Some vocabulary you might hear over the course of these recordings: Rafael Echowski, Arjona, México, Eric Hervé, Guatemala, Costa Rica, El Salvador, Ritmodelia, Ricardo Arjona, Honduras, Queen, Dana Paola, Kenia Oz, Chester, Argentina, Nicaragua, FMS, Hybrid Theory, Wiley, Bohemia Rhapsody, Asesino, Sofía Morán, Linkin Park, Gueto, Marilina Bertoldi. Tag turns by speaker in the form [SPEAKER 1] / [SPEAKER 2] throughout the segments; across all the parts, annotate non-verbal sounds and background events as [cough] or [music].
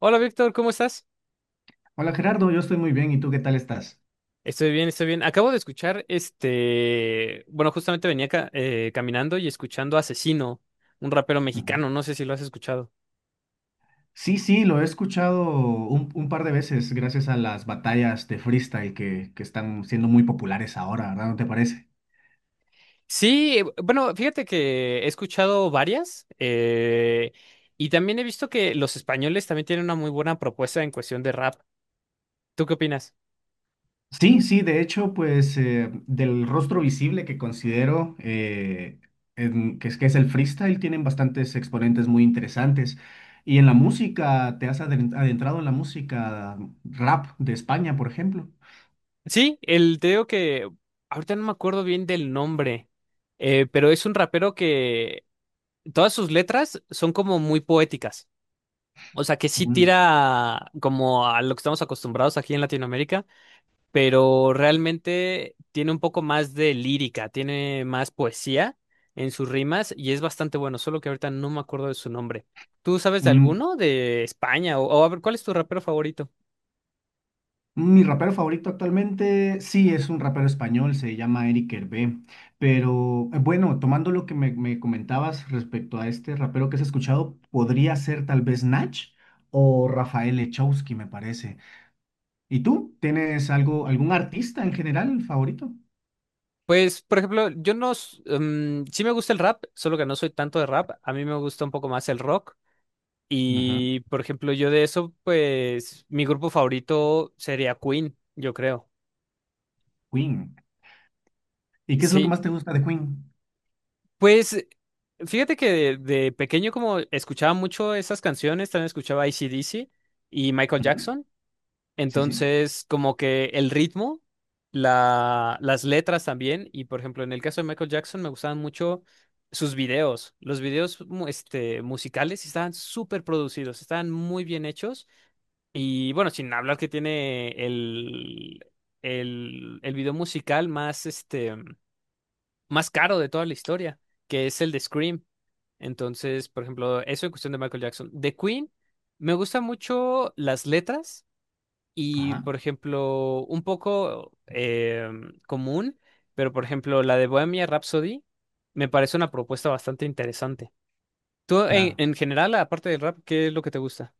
[SPEAKER 1] Hola Víctor, ¿cómo estás?
[SPEAKER 2] Hola Gerardo, yo estoy muy bien. ¿Y tú qué tal estás?
[SPEAKER 1] Estoy bien, estoy bien. Acabo de escuchar este, bueno, justamente venía caminando y escuchando a Asesino, un rapero
[SPEAKER 2] Ujú.
[SPEAKER 1] mexicano, no sé si lo has escuchado.
[SPEAKER 2] Sí, sí, lo he escuchado un par de veces gracias a las batallas de freestyle que están siendo muy populares ahora, ¿verdad? ¿No te parece?
[SPEAKER 1] Sí, bueno, fíjate que he escuchado varias y también he visto que los españoles también tienen una muy buena propuesta en cuestión de rap. ¿Tú qué opinas?
[SPEAKER 2] Sí, sí, de hecho, pues del rostro visible que considero que es el freestyle, tienen bastantes exponentes muy interesantes. Y en la música, ¿te has adentrado en la música rap de España, por ejemplo?
[SPEAKER 1] Sí, el, te digo que ahorita no me acuerdo bien del nombre, pero es un rapero que todas sus letras son como muy poéticas. O sea, que sí
[SPEAKER 2] Ujú.
[SPEAKER 1] tira como a lo que estamos acostumbrados aquí en Latinoamérica, pero realmente tiene un poco más de lírica, tiene más poesía en sus rimas y es bastante bueno, solo que ahorita no me acuerdo de su nombre. ¿Tú sabes de
[SPEAKER 2] Mm,
[SPEAKER 1] alguno de España? O a ver, ¿cuál es tu rapero favorito?
[SPEAKER 2] Mi rapero favorito actualmente, sí, es un rapero español, se llama Eric Hervé, pero bueno, tomando lo que me comentabas respecto a este rapero que has escuchado, podría ser tal vez Nach o Rafael Echowski, me parece. ¿Y tú? ¿Tienes algo, algún artista en general favorito?
[SPEAKER 1] Pues, por ejemplo, yo no... sí me gusta el rap, solo que no soy tanto de rap. A mí me gusta un poco más el rock.
[SPEAKER 2] Ujú.
[SPEAKER 1] Y, por ejemplo, yo de eso, pues, mi grupo favorito sería Queen, yo creo.
[SPEAKER 2] Queen. ¿Y qué es lo que
[SPEAKER 1] Sí,
[SPEAKER 2] más te gusta de Queen?
[SPEAKER 1] pues fíjate que de pequeño como escuchaba mucho esas canciones, también escuchaba D. C. y Michael
[SPEAKER 2] Ujú.
[SPEAKER 1] Jackson,
[SPEAKER 2] Sí, sí.
[SPEAKER 1] entonces como que el ritmo, la, las letras también, y por ejemplo en el caso de Michael Jackson me gustaban mucho sus videos, los videos musicales estaban súper producidos, estaban muy bien hechos, y bueno, sin hablar que tiene el, el video musical más, más caro de toda la historia, que es el de Scream. Entonces, por ejemplo, eso en cuestión de Michael Jackson. De Queen, me gustan mucho las letras y,
[SPEAKER 2] Ajá,
[SPEAKER 1] por ejemplo, un poco común, pero por ejemplo, la de Bohemia Rhapsody me parece una propuesta bastante interesante. Tú,
[SPEAKER 2] claro.
[SPEAKER 1] en general, aparte del rap, ¿qué es lo que te gusta?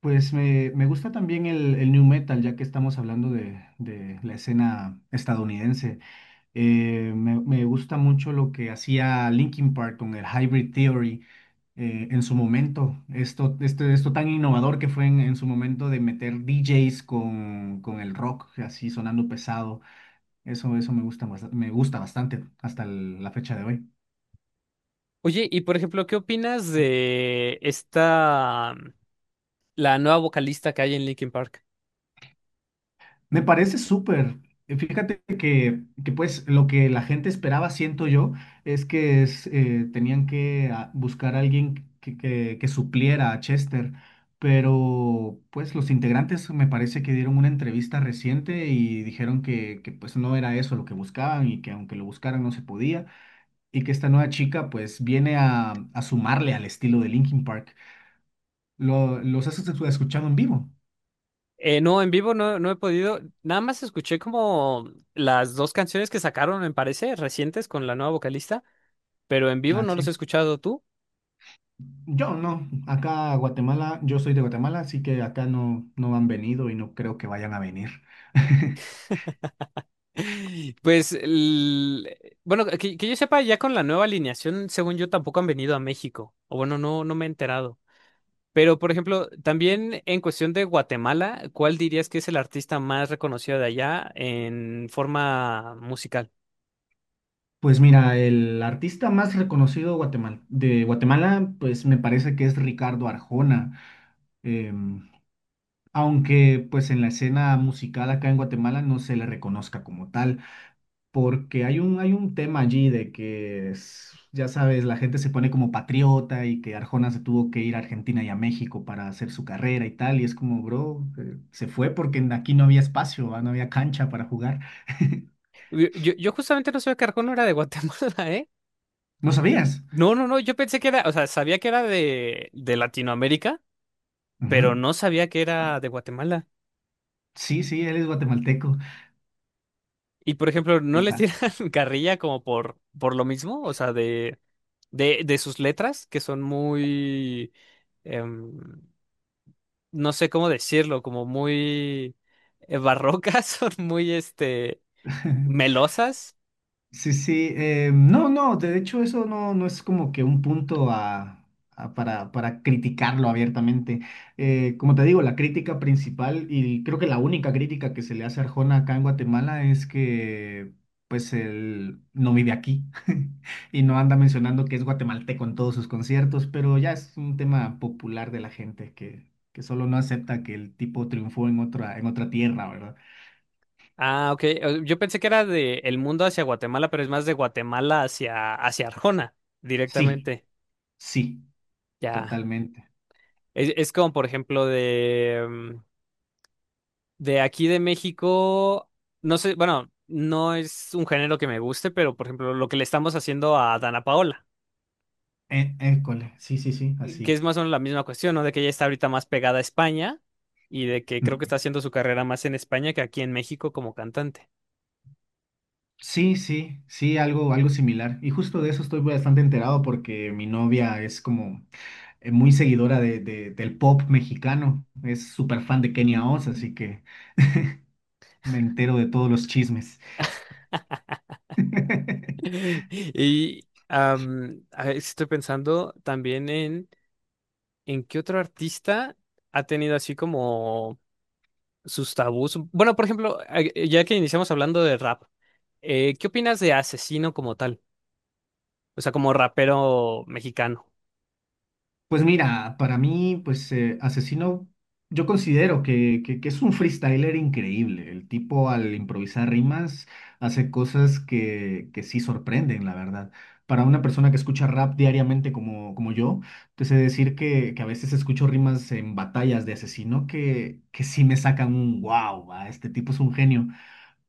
[SPEAKER 2] Pues me gusta también el new metal, ya que estamos hablando de la escena estadounidense. Me gusta mucho lo que hacía Linkin Park con el Hybrid Theory en su momento. Esto tan innovador que fue en su momento de meter DJs con el rock así sonando pesado. Eso me gusta, me gusta bastante hasta la fecha de hoy.
[SPEAKER 1] Oye, y por ejemplo, ¿qué opinas de esta, la nueva vocalista que hay en Linkin Park?
[SPEAKER 2] Me parece súper. Fíjate que, pues lo que la gente esperaba, siento yo, es que es, tenían que buscar a alguien que, que supliera a Chester, pero pues los integrantes me parece que dieron una entrevista reciente y dijeron que pues no era eso lo que buscaban y que aunque lo buscaran no se podía y que esta nueva chica pues viene a sumarle al estilo de Linkin Park. Lo, los has escuchado en vivo.
[SPEAKER 1] No, en vivo no, no he podido. Nada más escuché como las dos canciones que sacaron, me parece, recientes con la nueva vocalista, pero en vivo no los he
[SPEAKER 2] Así.
[SPEAKER 1] escuchado tú. [gasps]
[SPEAKER 2] Yo no, acá a Guatemala, yo soy de Guatemala, así que acá no, no han venido y no creo que vayan a venir. [laughs]
[SPEAKER 1] [laughs] Pues, bueno, que yo sepa, ya con la nueva alineación, según yo, tampoco han venido a México. O bueno, no, no me he enterado. Pero, por ejemplo, también en cuestión de Guatemala, ¿cuál dirías que es el artista más reconocido de allá en forma musical?
[SPEAKER 2] Pues mira, el artista más reconocido de Guatemala, pues me parece que es Ricardo Arjona, em, aunque pues en la escena musical acá en Guatemala no se le reconozca como tal, porque hay un tema allí de que, ya sabes, la gente se pone como patriota y que Arjona se tuvo que ir a Argentina y a México para hacer su carrera y tal, y es como, bro, se fue porque aquí no había espacio, no había cancha para jugar. [laughs]
[SPEAKER 1] Yo justamente no sabía que Arjona era de Guatemala. [laughs]
[SPEAKER 2] ¿No sabías?
[SPEAKER 1] No, no, no, yo pensé que era, o sea, sabía que era de Latinoamérica, pero
[SPEAKER 2] Ujú.
[SPEAKER 1] no sabía que era de Guatemala.
[SPEAKER 2] Sí, sí, él es guatemalteco.
[SPEAKER 1] Y por ejemplo, ¿no les tiran
[SPEAKER 2] Fíjate.
[SPEAKER 1] [laughs] carrilla como por lo mismo? O sea, de, de sus letras, que son muy, em, no sé cómo decirlo, como muy barrocas, [laughs] son muy,
[SPEAKER 2] [laughs]
[SPEAKER 1] melosas.
[SPEAKER 2] Sí, sí, no, no, de hecho eso no, no es como que un punto para criticarlo abiertamente. Como te digo, la crítica principal y creo que la única crítica que se le hace a Arjona acá en Guatemala es que pues él no vive aquí [laughs] y no anda mencionando que es guatemalteco en todos sus conciertos, pero ya es un tema popular de la gente que solo no acepta que el tipo triunfó en otra tierra, ¿verdad?
[SPEAKER 1] Ah, ok. Yo pensé que era de El Mundo hacia Guatemala, pero es más de Guatemala hacia, hacia Arjona,
[SPEAKER 2] Sí,
[SPEAKER 1] directamente.
[SPEAKER 2] sí,
[SPEAKER 1] Ya.
[SPEAKER 2] totalmente.
[SPEAKER 1] Es como, por ejemplo, de, de aquí de México, no sé, bueno, no es un género que me guste, pero por ejemplo, lo que le estamos haciendo a Dana Paola,
[SPEAKER 2] École, sí, sí, sí,
[SPEAKER 1] que es
[SPEAKER 2] así.
[SPEAKER 1] más o menos la misma cuestión, ¿no? De que ella está ahorita más pegada a España y de que
[SPEAKER 2] Ujú.
[SPEAKER 1] creo que está haciendo su carrera más en España que aquí en México como cantante.
[SPEAKER 2] Sí, sí, sí, algo, algo similar. Y justo de eso estoy bastante enterado porque mi novia es como muy seguidora de, del pop mexicano. Es súper fan de Kenia Oz, así que me entero de todos los chismes. [laughs]
[SPEAKER 1] [laughs] Y a ver, estoy pensando también en qué otro artista ha tenido así como sus tabús. Bueno, por ejemplo, ya que iniciamos hablando de rap. ¿Qué opinas de Asesino como tal? O sea, como rapero mexicano.
[SPEAKER 2] Pues mira, para mí, pues Asesino, yo considero que, que es un freestyler increíble. El tipo al improvisar rimas hace cosas que sí sorprenden, la verdad. Para una persona que escucha rap diariamente como, como yo, te sé decir que a veces escucho rimas en batallas de Asesino que sí me sacan un wow, va, este tipo es un genio,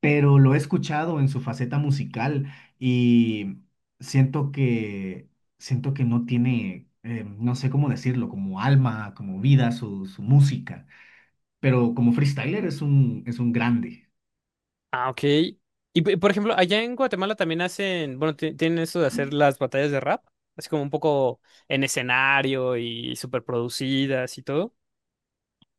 [SPEAKER 2] pero lo he escuchado en su faceta musical y siento que siento que no tiene, no sé cómo decirlo, como alma, como vida su, su música, pero como freestyler es un grande.
[SPEAKER 1] Ah, ok. Y por ejemplo, allá en Guatemala también hacen, bueno, tienen eso de hacer las batallas de rap, así como un poco en escenario y súper producidas y todo.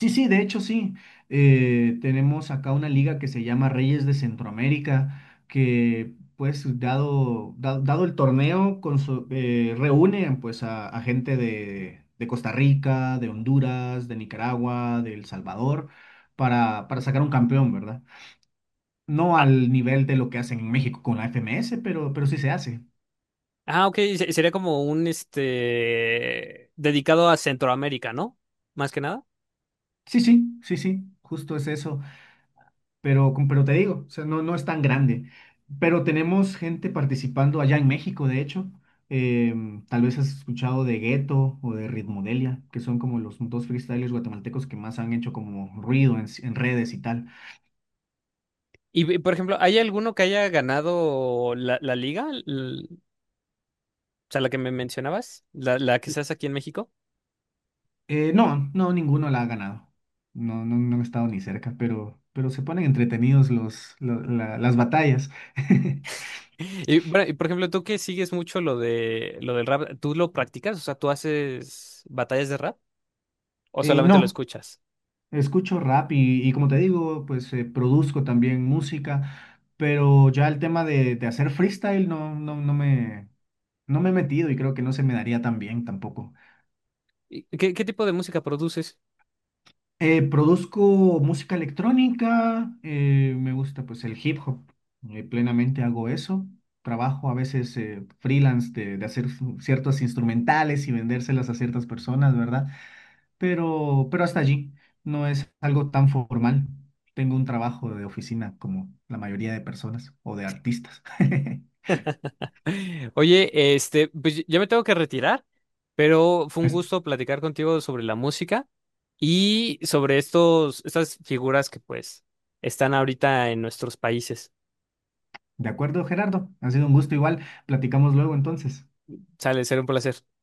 [SPEAKER 2] Sí, sí, de hecho sí. Tenemos acá una liga que se llama Reyes de Centroamérica, que pues dado el torneo con reúne pues a gente de Costa Rica, de Honduras, de Nicaragua, de El Salvador, para sacar un campeón, ¿verdad? No
[SPEAKER 1] Ah,
[SPEAKER 2] al nivel de lo que hacen en México con la FMS, pero sí se hace.
[SPEAKER 1] ah, ok, sería como un, dedicado a Centroamérica, ¿no? Más que nada.
[SPEAKER 2] Sí, sí, sí, sí, justo es eso. Pero, pero te digo, o sea, no, no es tan grande. Pero tenemos gente participando allá en México, de hecho. Tal vez has escuchado de Gueto o de Ritmodelia, que son como los dos freestylers guatemaltecos que más han hecho como ruido en redes y tal.
[SPEAKER 1] Y por ejemplo, ¿hay alguno que haya ganado la, la liga? O sea, la que me mencionabas, la que se hace aquí en México.
[SPEAKER 2] No, no, ninguno la ha ganado. No, no, no han estado ni cerca, pero se ponen entretenidos las batallas. [laughs]
[SPEAKER 1] Y, bueno, y, por ejemplo, tú que sigues mucho lo de lo del rap, ¿tú lo practicas? O sea, ¿tú haces batallas de rap o solamente lo
[SPEAKER 2] No,
[SPEAKER 1] escuchas?
[SPEAKER 2] escucho rap y como te digo, pues produzco también música, pero ya el tema de hacer freestyle no, no, no me he metido y creo que no se me daría tan bien tampoco.
[SPEAKER 1] ¿Y qué, qué tipo de música produces?
[SPEAKER 2] Produzco música electrónica, me gusta pues el hip hop, plenamente hago eso. Trabajo a veces freelance de hacer ciertos instrumentales y vendérselas a ciertas personas, ¿verdad? Pero hasta allí no es algo tan formal. Tengo un trabajo de oficina como la mayoría de personas o de artistas. [laughs]
[SPEAKER 1] [laughs] Oye, pues ya me tengo que retirar, pero fue un
[SPEAKER 2] Es-
[SPEAKER 1] gusto platicar contigo sobre la música y sobre estos, estas figuras que pues están ahorita en nuestros países.
[SPEAKER 2] De acuerdo, Gerardo, ha sido un gusto igual. Platicamos luego entonces.
[SPEAKER 1] Sale, será un placer.